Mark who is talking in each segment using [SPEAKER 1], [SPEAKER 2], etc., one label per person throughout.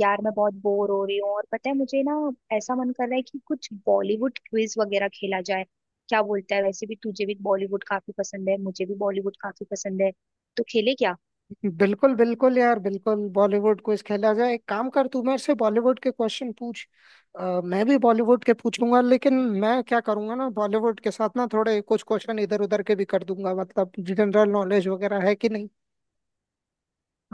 [SPEAKER 1] यार मैं बहुत बोर हो रही हूँ और पता है मुझे ना ऐसा मन कर रहा है कि कुछ बॉलीवुड क्विज वगैरह खेला जाए। क्या बोलता है वैसे भी, तुझे भी बॉलीवुड काफी पसंद है मुझे भी बॉलीवुड काफी पसंद है तो खेले क्या।
[SPEAKER 2] बिल्कुल बिल्कुल यार, बिल्कुल बॉलीवुड क्विज खेला जाए। एक काम कर, तू मेरे से बॉलीवुड के क्वेश्चन पूछ। मैं भी बॉलीवुड के पूछूंगा, लेकिन मैं क्या करूंगा ना, बॉलीवुड के साथ ना थोड़े कुछ क्वेश्चन इधर उधर के भी कर दूंगा, मतलब जनरल नॉलेज वगैरह है कि नहीं।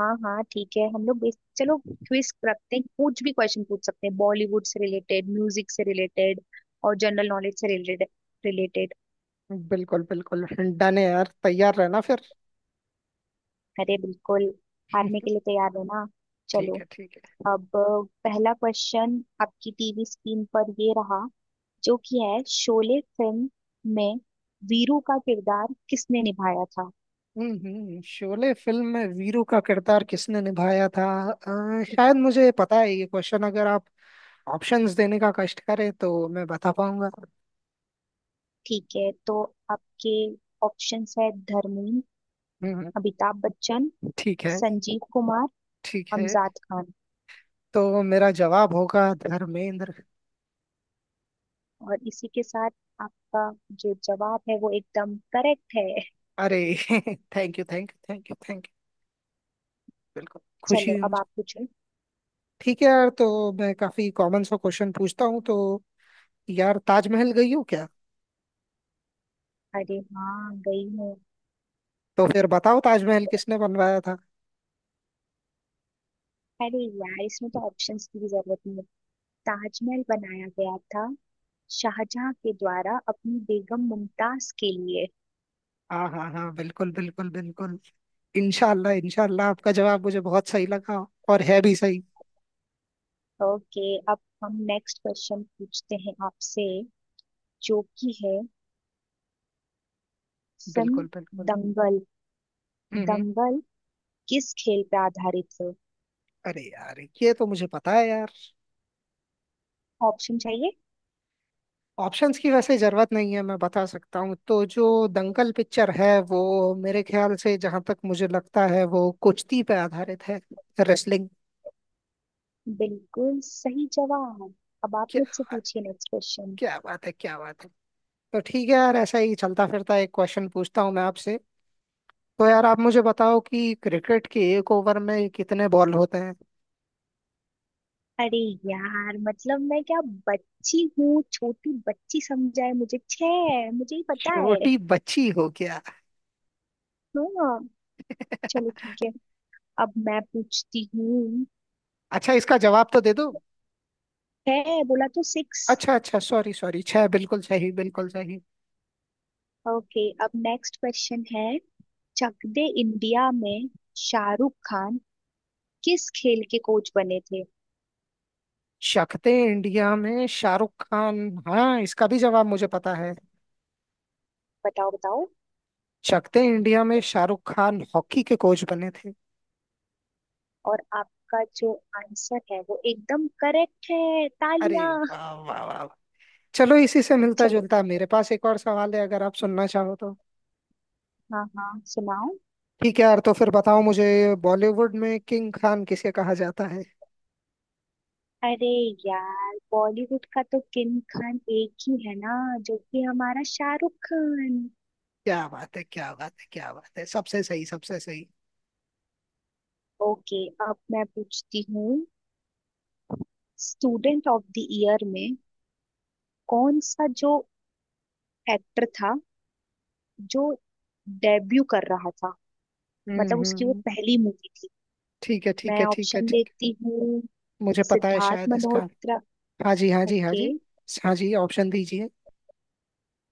[SPEAKER 1] हाँ हाँ ठीक है हम लोग चलो क्विज रखते हैं, कुछ भी क्वेश्चन पूछ सकते हैं बॉलीवुड से रिलेटेड, म्यूजिक से रिलेटेड और जनरल नॉलेज से रिलेटेड रिलेटेड।
[SPEAKER 2] बिल्कुल बिल्कुल। डन है यार, तैयार रहना फिर।
[SPEAKER 1] अरे बिल्कुल। हारने के लिए तैयार हो ना। चलो।
[SPEAKER 2] ठीक है, ठीक है।
[SPEAKER 1] अब पहला क्वेश्चन आपकी टीवी स्क्रीन पर ये रहा, जो कि है शोले फिल्म में वीरू का किरदार किसने निभाया था।
[SPEAKER 2] शोले फिल्म में वीरू का किरदार किसने निभाया था? शायद मुझे पता है ये क्वेश्चन, अगर आप ऑप्शंस देने का कष्ट करें तो मैं बता पाऊंगा।
[SPEAKER 1] ठीक है तो आपके ऑप्शंस है धर्मेंद्र,
[SPEAKER 2] हम्म हम्म।
[SPEAKER 1] अमिताभ बच्चन,
[SPEAKER 2] ठीक है।
[SPEAKER 1] संजीव कुमार,
[SPEAKER 2] ठीक है,
[SPEAKER 1] अमजद खान।
[SPEAKER 2] तो मेरा जवाब होगा धर्मेंद्र।
[SPEAKER 1] और इसी के साथ आपका जो जवाब है वो एकदम करेक्ट है।
[SPEAKER 2] अरे thank you thank you thank you thank you. बिल्कुल खुशी
[SPEAKER 1] चलो
[SPEAKER 2] हुई
[SPEAKER 1] अब
[SPEAKER 2] मुझे।
[SPEAKER 1] आप पूछो।
[SPEAKER 2] ठीक है यार, तो मैं काफी कॉमन सा क्वेश्चन पूछता हूँ तो। यार, ताजमहल गई हो क्या?
[SPEAKER 1] अरे हाँ गई हूँ।
[SPEAKER 2] तो फिर बताओ, ताजमहल किसने बनवाया था?
[SPEAKER 1] अरे यार इसमें तो ऑप्शंस की भी जरूरत नहीं है। ताजमहल बनाया गया था शाहजहां के द्वारा अपनी बेगम मुमताज के लिए।
[SPEAKER 2] हाँ हाँ हाँ, बिल्कुल बिल्कुल बिल्कुल। इंशाल्लाह इंशाल्लाह, आपका जवाब मुझे बहुत सही लगा, और है भी सही।
[SPEAKER 1] ओके अब हम नेक्स्ट क्वेश्चन पूछते हैं आपसे, जो कि है फिल्म
[SPEAKER 2] बिल्कुल बिल्कुल।
[SPEAKER 1] दंगल।
[SPEAKER 2] हम्म हम्म।
[SPEAKER 1] दंगल किस खेल पे आधारित है।
[SPEAKER 2] अरे यार ये तो मुझे पता है यार।
[SPEAKER 1] ऑप्शन चाहिए।
[SPEAKER 2] ऑप्शंस की वैसे जरूरत नहीं है, मैं बता सकता हूँ, तो जो दंगल पिक्चर है वो मेरे ख्याल से, जहां तक मुझे लगता है, वो कुश्ती पे आधारित है। रेसलिंग।
[SPEAKER 1] बिल्कुल सही जवाब। अब आप
[SPEAKER 2] क्या
[SPEAKER 1] मुझसे
[SPEAKER 2] बात-
[SPEAKER 1] पूछिए नेक्स्ट क्वेश्चन।
[SPEAKER 2] क्या बात है, क्या बात है। तो ठीक है यार, ऐसा ही चलता फिरता एक क्वेश्चन पूछता हूँ मैं आपसे। तो यार, आप मुझे बताओ कि क्रिकेट के एक ओवर में कितने बॉल होते हैं?
[SPEAKER 1] अरे यार मतलब मैं क्या बच्ची हूँ, छोटी बच्ची समझा है मुझे, छे मुझे ही पता है।
[SPEAKER 2] छोटी बच्ची हो क्या?
[SPEAKER 1] हाँ। चलो ठीक है अब मैं पूछती हूँ।
[SPEAKER 2] अच्छा, इसका जवाब तो दे दो।
[SPEAKER 1] है बोला तो सिक्स।
[SPEAKER 2] अच्छा अच्छा, सॉरी सॉरी, छह। बिल्कुल सही, बिल्कुल सही।
[SPEAKER 1] ओके अब नेक्स्ट क्वेश्चन है। चक दे इंडिया में शाहरुख खान किस खेल के कोच बने थे।
[SPEAKER 2] शक्ते इंडिया में शाहरुख खान, हाँ, इसका भी जवाब मुझे पता है।
[SPEAKER 1] बताओ बताओ।
[SPEAKER 2] शक्ते इंडिया में शाहरुख खान हॉकी के कोच बने थे।
[SPEAKER 1] और आपका जो आंसर है वो एकदम करेक्ट है,
[SPEAKER 2] अरे
[SPEAKER 1] तालियां।
[SPEAKER 2] वाह वाह वाह वाह। चलो, इसी से मिलता
[SPEAKER 1] चलो।
[SPEAKER 2] जुलता मेरे पास एक और सवाल है, अगर आप सुनना चाहो तो।
[SPEAKER 1] हाँ हाँ सुनाओ।
[SPEAKER 2] ठीक है यार, तो फिर बताओ मुझे, बॉलीवुड में किंग खान किसे कहा जाता है?
[SPEAKER 1] अरे यार बॉलीवुड का तो किंग खान एक ही है ना, जो कि हमारा शाहरुख खान।
[SPEAKER 2] क्या बात है क्या बात है क्या बात है, सबसे सही, सबसे सही।
[SPEAKER 1] ओके अब मैं पूछती हूँ। स्टूडेंट ऑफ द ईयर में कौन सा जो एक्टर था जो डेब्यू कर रहा था,
[SPEAKER 2] हम्म
[SPEAKER 1] मतलब
[SPEAKER 2] हम्म
[SPEAKER 1] उसकी वो
[SPEAKER 2] हम्म।
[SPEAKER 1] पहली मूवी थी।
[SPEAKER 2] ठीक है ठीक
[SPEAKER 1] मैं
[SPEAKER 2] है ठीक है
[SPEAKER 1] ऑप्शन
[SPEAKER 2] ठीक है।
[SPEAKER 1] देती हूँ
[SPEAKER 2] मुझे पता है
[SPEAKER 1] सिद्धार्थ
[SPEAKER 2] शायद इसका।
[SPEAKER 1] मल्होत्रा।
[SPEAKER 2] हाँ जी हाँ जी हाँ
[SPEAKER 1] ओके।
[SPEAKER 2] जी। हाँ जी, ऑप्शन दीजिए।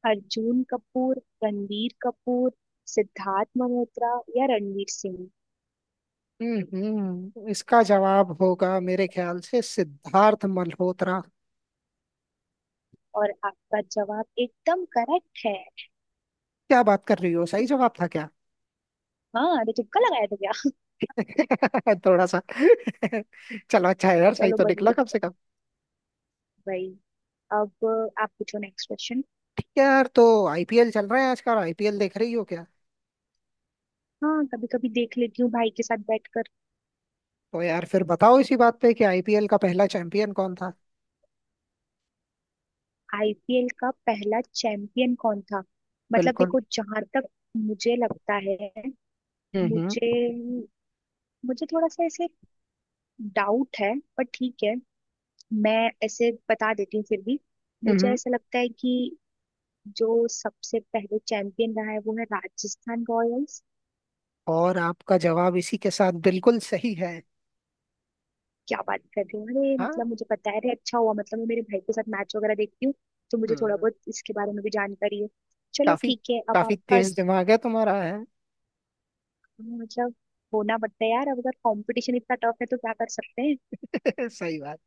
[SPEAKER 1] अर्जुन कपूर, रणवीर कपूर, सिद्धार्थ मल्होत्रा या रणवीर सिंह।
[SPEAKER 2] इसका जवाब होगा मेरे ख्याल से सिद्धार्थ मल्होत्रा।
[SPEAKER 1] और आपका जवाब एकदम करेक्ट है।
[SPEAKER 2] क्या बात कर रही हो, सही जवाब था क्या?
[SPEAKER 1] हाँ अरे तुक्का लगाया था क्या।
[SPEAKER 2] थोड़ा सा। चलो, अच्छा है यार, सही
[SPEAKER 1] चलो
[SPEAKER 2] तो निकला
[SPEAKER 1] बढ़िया
[SPEAKER 2] कम से कम।
[SPEAKER 1] भाई। अब आप पूछो नेक्स्ट क्वेश्चन।
[SPEAKER 2] ठीक है यार, तो आईपीएल चल रहा है आजकल, आईपीएल देख रही हो क्या?
[SPEAKER 1] हाँ कभी कभी देख लेती हूँ भाई के साथ बैठकर।
[SPEAKER 2] तो यार, फिर बताओ इसी बात पे कि आईपीएल का पहला चैंपियन कौन था?
[SPEAKER 1] आईपीएल का पहला चैंपियन कौन था। मतलब
[SPEAKER 2] बिल्कुल।
[SPEAKER 1] देखो जहां तक मुझे लगता है,
[SPEAKER 2] हम्म हम्म
[SPEAKER 1] मुझे मुझे थोड़ा सा ऐसे डाउट है, पर ठीक है मैं ऐसे बता देती हूँ फिर भी। मुझे
[SPEAKER 2] हम्म।
[SPEAKER 1] ऐसा लगता है कि जो सबसे पहले चैंपियन रहा है वो है राजस्थान रॉयल्स।
[SPEAKER 2] और आपका जवाब इसी के साथ बिल्कुल सही है।
[SPEAKER 1] क्या बात कर रहे हो, अरे
[SPEAKER 2] हाँ।
[SPEAKER 1] मतलब मुझे पता है, अरे अच्छा हुआ, मतलब मैं मेरे भाई के साथ मैच वगैरह देखती हूँ तो मुझे थोड़ा
[SPEAKER 2] हम्म।
[SPEAKER 1] बहुत इसके बारे में भी जानकारी है। चलो
[SPEAKER 2] काफी
[SPEAKER 1] ठीक है अब
[SPEAKER 2] काफी
[SPEAKER 1] आपका।
[SPEAKER 2] तेज दिमाग है तुम्हारा है।
[SPEAKER 1] मतलब होना पड़ता है यार, अब अगर कंपटीशन इतना टफ है तो क्या कर सकते हैं।
[SPEAKER 2] सही बात।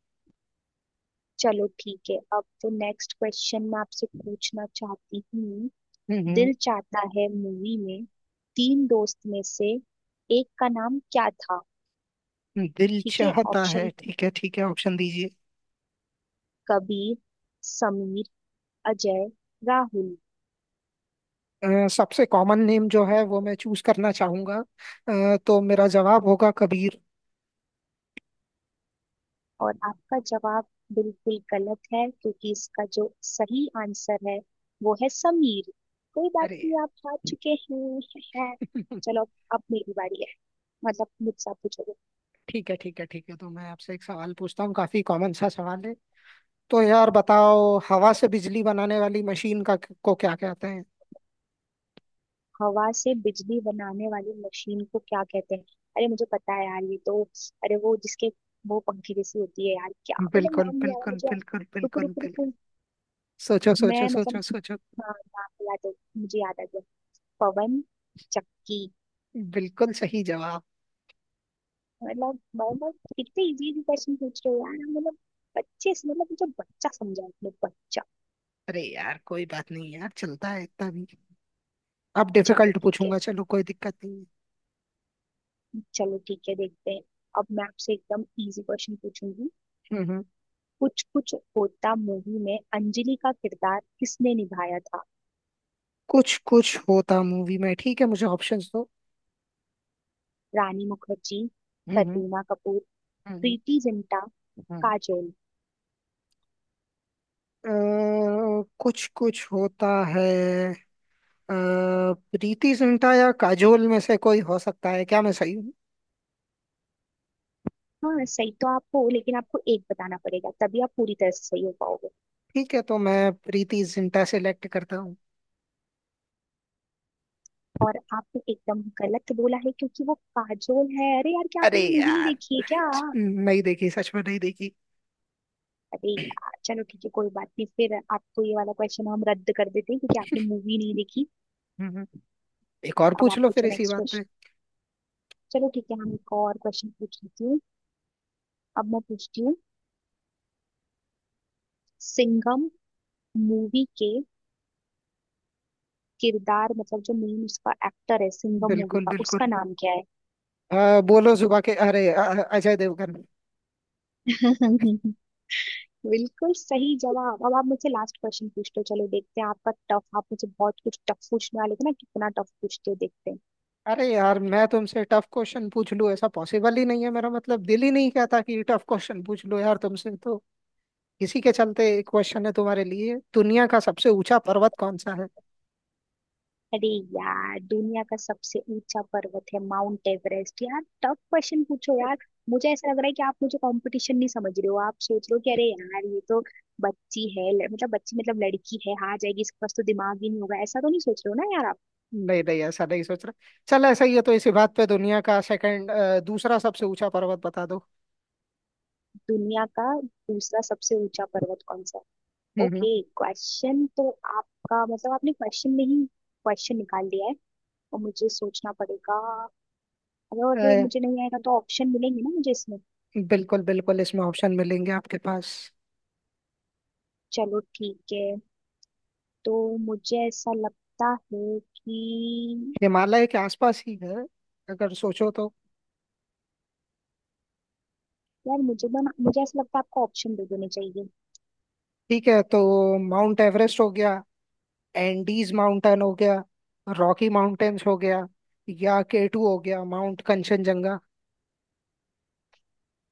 [SPEAKER 1] चलो ठीक है अब तो नेक्स्ट क्वेश्चन मैं आपसे पूछना चाहती हूँ।
[SPEAKER 2] हम्म हम्म।
[SPEAKER 1] दिल चाहता है मूवी में तीन दोस्त में से एक का नाम क्या था।
[SPEAKER 2] दिल
[SPEAKER 1] ठीक है
[SPEAKER 2] चाहता है,
[SPEAKER 1] ऑप्शन
[SPEAKER 2] ठीक है ठीक है, ऑप्शन दीजिए।
[SPEAKER 1] कबीर, समीर, अजय, राहुल।
[SPEAKER 2] सबसे कॉमन नेम जो है वो मैं चूज करना चाहूंगा। तो मेरा जवाब होगा कबीर।
[SPEAKER 1] और आपका जवाब बिल्कुल गलत है क्योंकि इसका जो सही आंसर है वो है समीर। कोई बात
[SPEAKER 2] अरे
[SPEAKER 1] नहीं आप हार चुके हैं। चलो अब मेरी बारी है। मतलब मुझसे आप पूछो।
[SPEAKER 2] ठीक है ठीक है ठीक है, तो मैं आपसे एक सवाल पूछता हूँ, काफी कॉमन सा सवाल है। तो यार बताओ, हवा से बिजली बनाने वाली मशीन का को क्या कहते हैं?
[SPEAKER 1] हवा से बिजली बनाने वाली मशीन को क्या कहते हैं। अरे मुझे पता है यार ये तो, अरे वो जिसके, वो पंखे जैसी होती है यार, क्या मतलब
[SPEAKER 2] बिल्कुल
[SPEAKER 1] नाम नहीं आ रहा
[SPEAKER 2] बिल्कुल
[SPEAKER 1] मुझे यार।
[SPEAKER 2] बिल्कुल
[SPEAKER 1] रुको
[SPEAKER 2] बिल्कुल
[SPEAKER 1] रुको
[SPEAKER 2] बिल्कुल।
[SPEAKER 1] रुको।
[SPEAKER 2] सोचो सोचो
[SPEAKER 1] मैं
[SPEAKER 2] सोचो
[SPEAKER 1] मतलब,
[SPEAKER 2] सोचो।
[SPEAKER 1] हाँ नाम याद है, मुझे याद आ गया। पवन चक्की।
[SPEAKER 2] बिल्कुल सही जवाब।
[SPEAKER 1] मतलब कितने इजी इजी क्वेश्चन पूछ रहे हो यार मतलब। मतलब मुझे बच्चा समझा अपने, बच्चा।
[SPEAKER 2] अरे यार, कोई बात नहीं यार, चलता है इतना भी। अब
[SPEAKER 1] चलो
[SPEAKER 2] डिफिकल्ट
[SPEAKER 1] ठीक है।
[SPEAKER 2] पूछूंगा, चलो कोई दिक्कत नहीं है।
[SPEAKER 1] चलो ठीक है देखते हैं। अब मैं आपसे एकदम इजी क्वेश्चन पूछूंगी।
[SPEAKER 2] हम्म।
[SPEAKER 1] कुछ कुछ होता मूवी में अंजलि का किरदार किसने निभाया था।
[SPEAKER 2] कुछ कुछ होता मूवी में, ठीक है मुझे ऑप्शंस दो।
[SPEAKER 1] रानी मुखर्जी,
[SPEAKER 2] हम्म
[SPEAKER 1] करीना कपूर,
[SPEAKER 2] हम्म
[SPEAKER 1] प्रीति जिंटा,
[SPEAKER 2] हम्म, हम्म।
[SPEAKER 1] काजोल।
[SPEAKER 2] अ, कुछ कुछ होता है। अ, प्रीति जिंटा या काजोल में से कोई हो सकता है, क्या मैं सही हूँ?
[SPEAKER 1] हाँ सही तो आप हो, लेकिन आपको एक बताना पड़ेगा तभी आप पूरी तरह से सही हो पाओगे।
[SPEAKER 2] ठीक है, तो मैं प्रीति जिंटा सेलेक्ट करता हूँ।
[SPEAKER 1] और आपने एकदम गलत बोला है क्योंकि वो काजोल है। अरे यार क्या
[SPEAKER 2] अरे
[SPEAKER 1] आपने ये मूवी नहीं
[SPEAKER 2] यार,
[SPEAKER 1] देखी है क्या।
[SPEAKER 2] नहीं देखी, सच में नहीं देखी।
[SPEAKER 1] अरे यार चलो ठीक है कोई बात नहीं, फिर आपको ये वाला क्वेश्चन हम रद्द कर देते हैं क्योंकि आपने मूवी नहीं देखी।
[SPEAKER 2] हम्म, हम्म। एक और
[SPEAKER 1] अब
[SPEAKER 2] पूछ
[SPEAKER 1] आप
[SPEAKER 2] लो फिर
[SPEAKER 1] पूछो
[SPEAKER 2] इसी
[SPEAKER 1] नेक्स्ट
[SPEAKER 2] बात पे।
[SPEAKER 1] क्वेश्चन। चलो ठीक है हम
[SPEAKER 2] हम्म।
[SPEAKER 1] एक और क्वेश्चन पूछ लेती हूँ। अब मैं पूछती हूँ। सिंघम मूवी के किरदार मतलब जो मेन उसका एक्टर है सिंघम मूवी
[SPEAKER 2] बिल्कुल
[SPEAKER 1] का,
[SPEAKER 2] बिल्कुल।
[SPEAKER 1] उसका नाम क्या है।
[SPEAKER 2] बोलो सुबह के अरे अजय देवगन।
[SPEAKER 1] बिल्कुल सही जवाब। अब आप मुझसे लास्ट क्वेश्चन पूछते हो, चलो देखते हैं आपका टफ। आप मुझे बहुत कुछ टफ पूछने वाले थे ना, कितना टफ पूछते हो देखते हैं।
[SPEAKER 2] अरे यार, मैं तुमसे टफ क्वेश्चन पूछ लूं ऐसा पॉसिबल ही नहीं है, मेरा मतलब दिल ही नहीं कहता कि टफ क्वेश्चन पूछ लूं यार तुमसे तो। इसी के चलते एक क्वेश्चन है तुम्हारे लिए, दुनिया का सबसे ऊंचा पर्वत कौन सा है?
[SPEAKER 1] अरे यार दुनिया का सबसे ऊंचा पर्वत है माउंट एवरेस्ट। यार टफ क्वेश्चन पूछो यार। मुझे ऐसा लग रहा है कि आप मुझे कंपटीशन नहीं समझ रहे हो, आप सोच रहे हो कि अरे यार ये तो बच्ची है, मतलब बच्ची मतलब लड़की है हार जाएगी, इसके पास तो दिमाग ही नहीं होगा, ऐसा तो नहीं सोच रहे हो ना यार आप।
[SPEAKER 2] नहीं नहीं, ऐसा नहीं सोच रहा। चल, ऐसा ही है तो इसी बात पे दुनिया का सेकंड, दूसरा सबसे ऊंचा पर्वत बता दो।
[SPEAKER 1] दुनिया का दूसरा सबसे ऊंचा पर्वत कौन सा है।
[SPEAKER 2] हम्म हम्म,
[SPEAKER 1] ओके। क्वेश्चन तो आपका, मतलब आपने क्वेश्चन में ही क्वेश्चन निकाल दिया है और मुझे सोचना पड़ेगा। अगर अगर
[SPEAKER 2] अ,
[SPEAKER 1] मुझे नहीं आएगा तो ऑप्शन मिलेंगे ना मुझे इसमें।
[SPEAKER 2] बिल्कुल बिल्कुल, इसमें ऑप्शन मिलेंगे आपके पास।
[SPEAKER 1] चलो ठीक है। तो मुझे ऐसा लगता है कि,
[SPEAKER 2] हिमालय के आसपास ही है अगर सोचो तो।
[SPEAKER 1] यार मुझे ना, मुझे ऐसा लगता है आपको ऑप्शन दे देने चाहिए।
[SPEAKER 2] ठीक है, तो माउंट एवरेस्ट हो गया, एंडीज माउंटेन हो गया, रॉकी माउंटेन्स हो गया, या केटू हो गया, माउंट कंचनजंगा।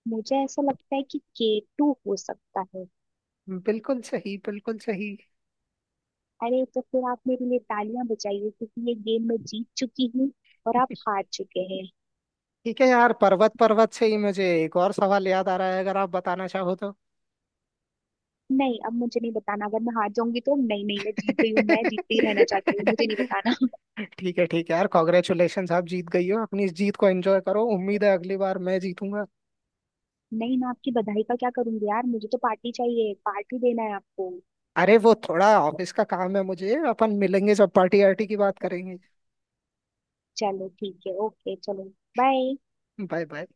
[SPEAKER 1] मुझे ऐसा लगता है कि K2 हो सकता है।
[SPEAKER 2] बिल्कुल सही, बिल्कुल सही।
[SPEAKER 1] अरे तो फिर आप मेरे लिए तालियां बजाइए क्योंकि ये गेम मैं जीत चुकी हूँ और आप हार चुके हैं।
[SPEAKER 2] ठीक है यार, पर्वत पर्वत से ही मुझे एक और सवाल याद आ रहा है, अगर आप बताना चाहो तो।
[SPEAKER 1] नहीं अब मुझे नहीं बताना, अगर मैं हार जाऊंगी तो, नहीं नहीं मैं जीत गई हूँ, मैं जीतती ही रहना चाहती हूँ, मुझे नहीं बताना।
[SPEAKER 2] ठीक है यार, कॉन्ग्रेचुलेशन, आप जीत गई हो, अपनी इस जीत को एंजॉय करो, उम्मीद है अगली बार मैं जीतूंगा।
[SPEAKER 1] नहीं मैं आपकी बधाई का क्या करूंगी यार, मुझे तो पार्टी चाहिए, पार्टी देना है आपको।
[SPEAKER 2] अरे वो थोड़ा ऑफिस का काम है मुझे, अपन मिलेंगे जब पार्टी आर्टी की बात करेंगे।
[SPEAKER 1] चलो ठीक है, ओके चलो। बाय।
[SPEAKER 2] Bye bye.